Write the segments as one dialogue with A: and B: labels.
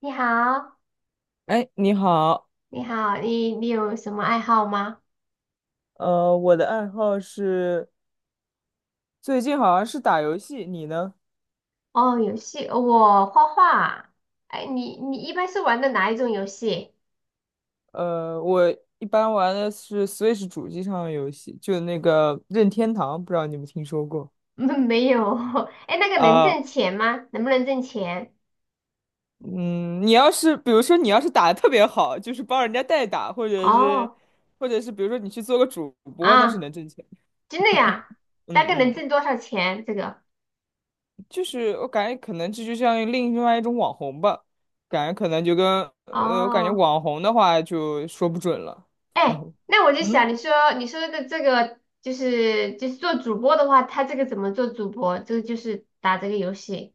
A: 你好，
B: 哎，你好，
A: 你好，你有什么爱好吗？
B: 我的爱好是最近好像是打游戏，你呢？
A: 哦，游戏，我画画。哎，你一般是玩的哪一种游戏？
B: 我一般玩的是 Switch 主机上的游戏，就那个任天堂，不知道你们听说过。
A: 没有。哎，那个能挣
B: 啊？
A: 钱吗？能不能挣钱？
B: 嗯，你要是比如说你要是打的特别好，就是帮人家代打，
A: 哦，
B: 或者是比如说你去做个主播，那是
A: 啊，
B: 能挣钱。
A: 真的呀？大
B: 嗯
A: 概能
B: 嗯，
A: 挣多少钱？这个？
B: 就是我感觉可能这就像另外一种网红吧，感觉可能就跟我感觉
A: 哦，
B: 网红的话就说不准了。
A: 哎，那我就想，
B: 嗯。
A: 你说你说的这个就是做主播的话，他这个怎么做主播？这个就是打这个游戏。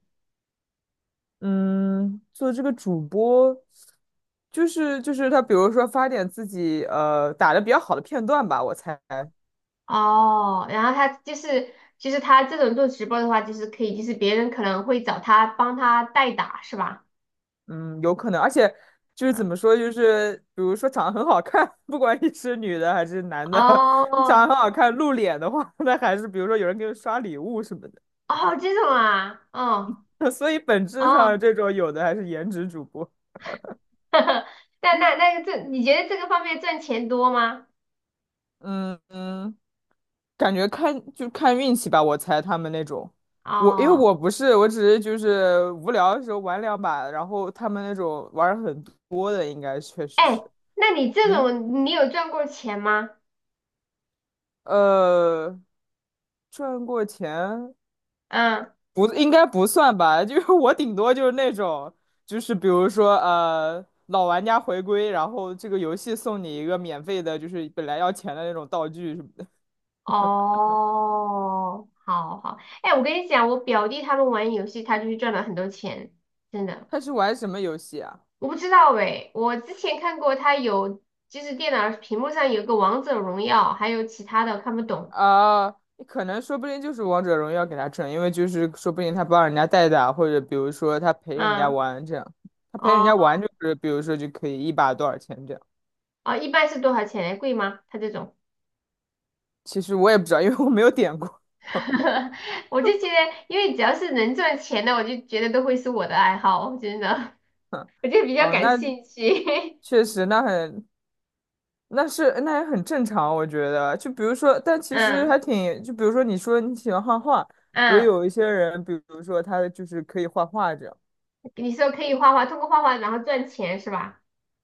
B: 嗯，做这个主播，就是他，比如说发点自己打的比较好的片段吧，我猜，
A: 哦，然后他就是他这种做直播的话，就是可以，就是别人可能会找他帮他代打，是吧？
B: 嗯，有可能，而且就是怎
A: 嗯，
B: 么说，就是比如说长得很好看，不管你是女的还是男的，你
A: 哦
B: 长得很好看，露脸的话，那还是比如说有人给你刷礼物什么
A: 哦，这种啊，哦
B: 的，所以本质
A: 哦，
B: 上这种有的还是颜值主播，
A: 那个这，你觉得这个方面赚钱多吗？
B: 嗯嗯。感觉看就看运气吧，我猜他们那种，我因为
A: 哦，
B: 我不是，我只是就是无聊的时候玩两把，然后他们那种玩儿很多的，应该确实
A: 哎，
B: 是，
A: 那你这
B: 嗯，
A: 种你有赚过钱吗？
B: 呃，赚过钱
A: 嗯，
B: 不应该不算吧，就是 我顶多就是那种，就是比如说老玩家回归，然后这个游戏送你一个免费的，就是本来要钱的那种道具什么的。
A: 哦，好好，哎，我跟你讲，我表弟他们玩游戏，他就是赚了很多钱，真 的。
B: 他是玩什么游戏啊？
A: 我不知道诶，我之前看过他有，就是电脑屏幕上有个王者荣耀，还有其他的看不懂。
B: 啊，可能说不定就是王者荣耀给他挣，因为就是说不定他帮人家代打，或者比如说他陪人家
A: 嗯，
B: 玩这样，他陪人
A: 哦
B: 家玩就是比如说就可以一把多少钱这样。
A: 哦，一般是多少钱？贵吗？他这种，
B: 其实我也不知道，因为我没有点过。
A: 我就觉得，因为只要是能赚钱的，我就觉得都会是我的爱好，真的，我就比较
B: 啊，
A: 感
B: 那
A: 兴趣。
B: 确实，那是那也很正常，我觉得。就比如说，但 其实还
A: 嗯
B: 挺，就比如说你说你喜欢画画，也
A: 嗯，
B: 有一些人，比如说他就是可以画画这样。
A: 你说可以画画，通过画画然后赚钱是吧？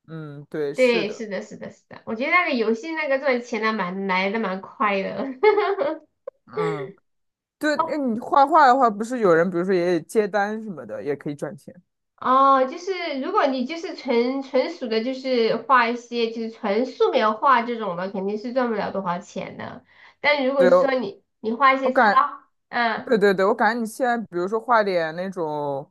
B: 嗯，对，是
A: 对，
B: 的，
A: 是的，是的，是的，我觉得那个游戏那个赚钱的蛮来的蛮快的。
B: 嗯。对，那你画画的话，不是有人，比如说也接单什么的，也可以赚钱。
A: 哦，就是如果你就是纯属的，就是画一些就是纯素描画这种的，肯定是赚不了多少钱的。但如果
B: 对哦，
A: 说
B: 我
A: 你画一
B: 我
A: 些
B: 感，
A: 插，嗯
B: 对对对，我感觉你现在，比如说画点那种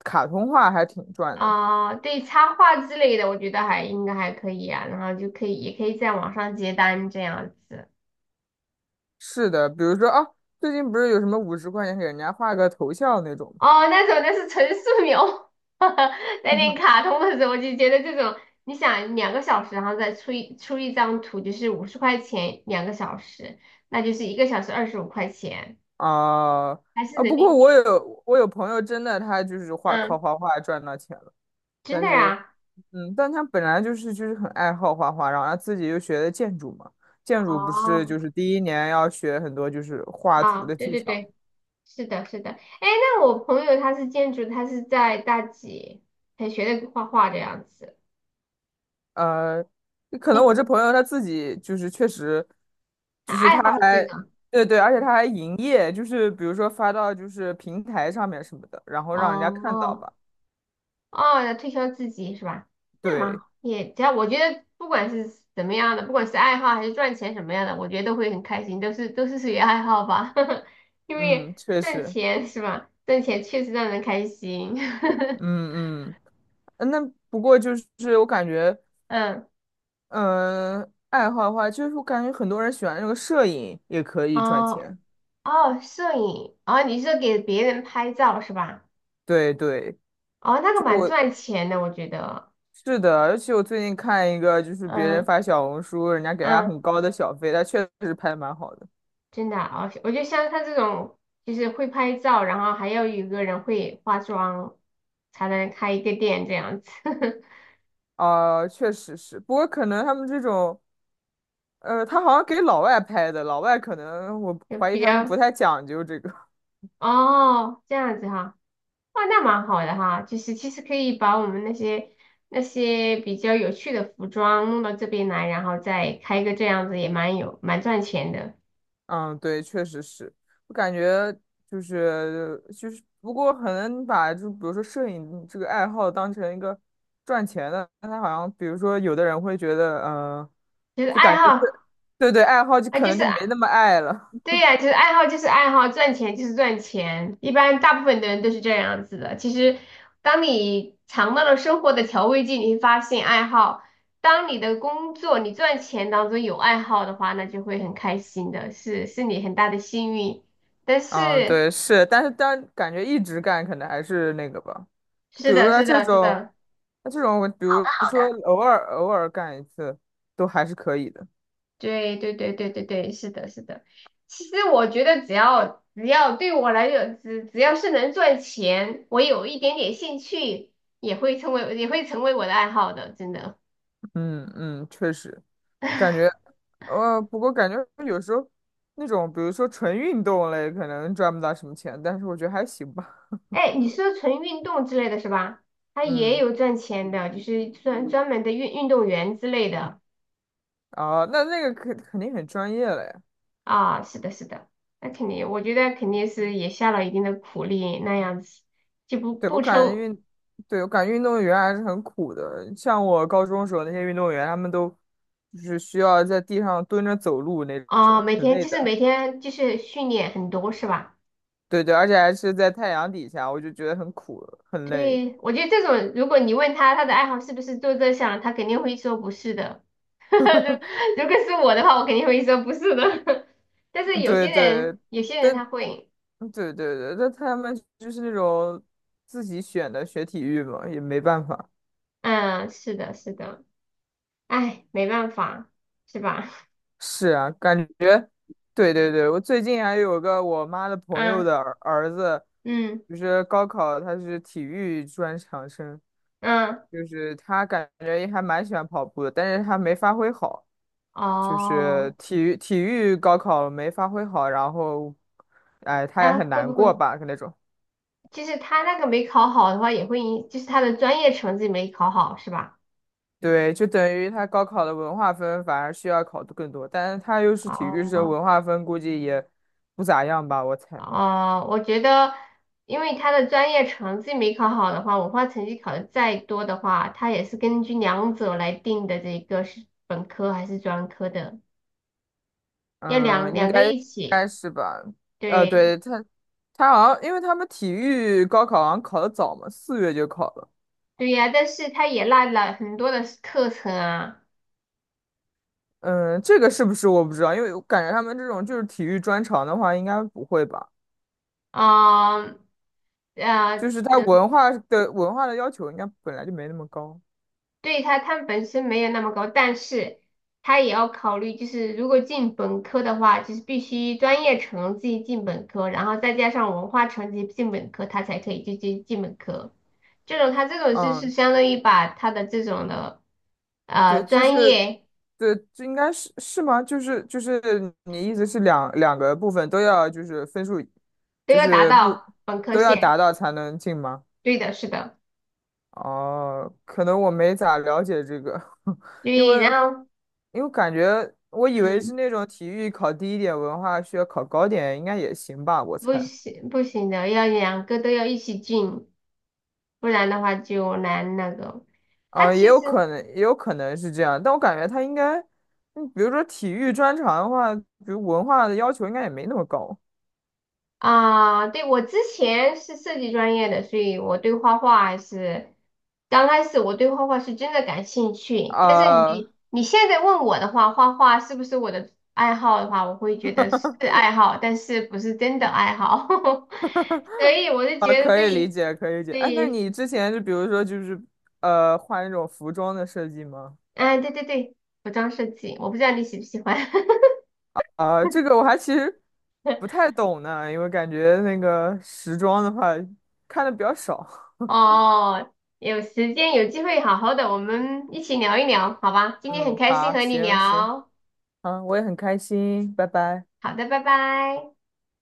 B: 卡通画，还挺赚的。
A: 啊、对插画之类的，我觉得还应该还可以啊。然后就可以也可以在网上接单这样子。
B: 是的，比如说啊，最近不是有什么50块钱给人家画个头像那种
A: 哦，那种那是纯素描，带点
B: 吗？
A: 卡通的时候，我就觉得这种，你想两个小时，然后再出一张图，就是50块钱两个小时，那就是1个小时25块钱，
B: 啊
A: 还是
B: 啊！
A: 人
B: 不
A: 民
B: 过
A: 币？
B: 我有朋友真的，他就是画靠
A: 嗯，
B: 画画赚到钱了，
A: 真
B: 但
A: 的
B: 是
A: 呀？
B: 嗯，但他本来就是很爱好画画，然后他自己又学的建筑嘛，建筑不是
A: 哦，
B: 就是第一年要学很多就是画图
A: 啊，
B: 的
A: 对
B: 技
A: 对
B: 巧，
A: 对，是的，是的。哎，那我朋友他是建筑，他是在大几才学的画画的样子，
B: 呃，可能我这朋友他自己就是确实，
A: 他
B: 就是
A: 爱好
B: 他
A: 这
B: 还
A: 个。
B: 对对，而且他还营业，就是比如说发到就是平台上面什么的，然后让人家看到
A: 哦
B: 吧，
A: 哦，要推销自己是吧？那么
B: 对，
A: 也只要我觉得，不管是怎么样的，不管是爱好还是赚钱什么样的，我觉得都会很开心，都是属于爱好吧，因
B: 嗯，
A: 为
B: 确
A: 赚
B: 实。
A: 钱是吧？赚钱确实让人开心。
B: 嗯嗯，呃那不过就是我感觉，
A: 嗯，
B: 嗯，爱好的话，就是我感觉很多人喜欢那个摄影，也可以赚
A: 哦
B: 钱。
A: 哦，摄影，哦，你是给别人拍照是吧？
B: 对对，
A: 哦，那个蛮赚钱的，我觉得。
B: 是的，而且我最近看一个，就是别人
A: 嗯
B: 发小红书，人家给他很
A: 嗯。
B: 高的小费，他确实拍得蛮好的。
A: 真的啊，我觉得像他这种，就是会拍照，然后还要有一个人会化妆，才能开一个店这样子，
B: 啊、确实是，不过可能他们这种，他好像给老外拍的，老外可能我
A: 就
B: 怀疑
A: 比
B: 他们不
A: 较
B: 太讲究这个。
A: 哦这样子哈，哇，那蛮好的哈，就是其实可以把我们那些比较有趣的服装弄到这边来，然后再开一个这样子也蛮赚钱的，
B: 嗯，对，确实是，我感觉就是，不过可能你把就比如说摄影这个爱好当成一个赚钱的，那他好像比如说有的人会觉得，嗯、
A: 就是
B: 就
A: 爱
B: 感觉
A: 好
B: 对对对，爱好就
A: 啊，
B: 可
A: 就
B: 能
A: 是
B: 就没那么爱了。
A: 对呀，就是爱好就是爱好，赚钱就是赚钱。一般大部分的人都是这样子的。其实，当你尝到了生活的调味剂，你会发现爱好。当你的工作、你赚钱当中有爱好的话，那就会很开心的，是你很大的幸运。但
B: 嗯，
A: 是，
B: 对，是，但是但感觉一直干可能还是那个吧，比
A: 是
B: 如
A: 的，
B: 说
A: 是
B: 这
A: 的，是
B: 种，
A: 的。
B: 那这种比如
A: 好
B: 说
A: 的。
B: 偶尔干一次，都还是可以的。
A: 对对对对对对，是的，是的。其实我觉得只要只要对我来讲，只要是能赚钱，我有一点点兴趣，也会成为我的爱好的，真的。
B: 嗯嗯，确实。感觉，不过感觉有时候那种，比如说纯运动类，可能赚不到什么钱，但是我觉得还行吧。
A: 哎，你说纯运动之类的是吧？他也
B: 嗯，
A: 有赚钱的，就是专门的运动员之类的
B: 啊，那那个肯定很专业了呀。
A: 啊。是的，是的，那肯定，我觉得肯定是也下了一定的苦力，那样子就不
B: 对，我
A: 不
B: 感觉
A: 称
B: 运，对，我感觉运动员还是很苦的。像我高中时候那些运动员，他们都就是需要在地上蹲着走路那
A: 啊，
B: 种，
A: 每
B: 很
A: 天
B: 累
A: 就是
B: 的。
A: 每天就是训练很多是吧？
B: 对对，而且还是在太阳底下，我就觉得很苦，很累。
A: 对，我觉得这种，如果你问他他的爱好是不是做这项，他肯定会说不是的。如如果是我的话，我肯定会说不是的。但是有
B: 对
A: 些人，
B: 对，
A: 有些人
B: 但
A: 他会，
B: 嗯对对对，那他们就是那种自己选的学体育嘛，也没办法。
A: 嗯，是的，是的，哎，没办法，是吧？
B: 是啊，对对对，我最近还有个我妈的 朋友
A: 嗯
B: 的儿子，
A: 嗯
B: 就是高考他是体育专场生，
A: 嗯，
B: 就是他感觉也还蛮喜欢跑步的，但是他没发挥好，就是
A: 哦，
B: 体育高考没发挥好，然后，哎，他也
A: 那
B: 很
A: 会
B: 难
A: 不
B: 过
A: 会
B: 吧，那种。
A: 就是他那个没考好的话，也会影，就是他的专业成绩没考好，是吧？
B: 对，就等于他高考的文化分反而需要考的更多，但是他又是体育生，
A: 哦，
B: 文化分估计也不咋样吧，我猜。
A: 哦，我觉得，因为他的专业成绩没考好的话，文化成绩考的再多的话，他也是根据两者来定的，这个是本科还是专科的，要
B: 嗯，
A: 两两个
B: 应
A: 一起。
B: 该是吧。
A: 对，
B: 对，他好像因为他们体育高考好像考的早嘛，四月就考了。
A: 对呀，但是他也落了很多的课程啊，
B: 嗯，这个是不是我不知道，因为我感觉他们这种就是体育专长的话，应该不会吧？
A: 啊、啊。
B: 就是他文化的要求应该本来就没那么高。
A: 对他，它本身没有那么高，但是他也要考虑，就是如果进本科的话，就是必须专业成绩进本科，然后再加上文化成绩进本科，他才可以就进本科。他这种就是
B: 嗯，
A: 相当于把他的这种的
B: 对，就
A: 专
B: 是，
A: 业
B: 对，就应该是，是吗？就是你意思是两个部分都要就是分数，
A: 都
B: 就
A: 要达
B: 是不
A: 到本科
B: 都要
A: 线。
B: 达到才能进吗？
A: 对的，是的，
B: 哦，可能我没咋了解这个，因
A: 对，然
B: 为
A: 后
B: 因为感觉我以为是
A: 嗯，
B: 那种体育考低一点，文化需要考高点，应该也行吧，我
A: 不
B: 猜。
A: 行不行的，要两个都要一起进，不然的话就难那个。他
B: 啊、也
A: 其
B: 有
A: 实。
B: 可能，也有可能是这样，但我感觉他应该，嗯比如说体育专长的话，比如文化的要求应该也没那么高。
A: 啊，对，我之前是设计专业的，所以我对画画还是刚开始我对画画是真的感兴趣。但是
B: 啊、
A: 你现在问我的话，画画是不是我的爱好的话，我会觉得是爱好，但是不是真的爱好。所以我就
B: 啊，
A: 觉得
B: 可以理
A: 对
B: 解，可以理解。哎，那
A: 对，
B: 你之前就比如说画那种服装的设计吗？
A: 嗯，对对对，服装设计，我不知道你喜不喜欢。
B: 啊，这个我还其实不太懂呢，因为感觉那个时装的话看的比较少。
A: 哦，有时间有机会好好的，我们一起聊一聊，好吧？今天很
B: 嗯，
A: 开心
B: 好，
A: 和你
B: 行，
A: 聊。
B: 好，我也很开心，拜拜。
A: 好的，拜拜。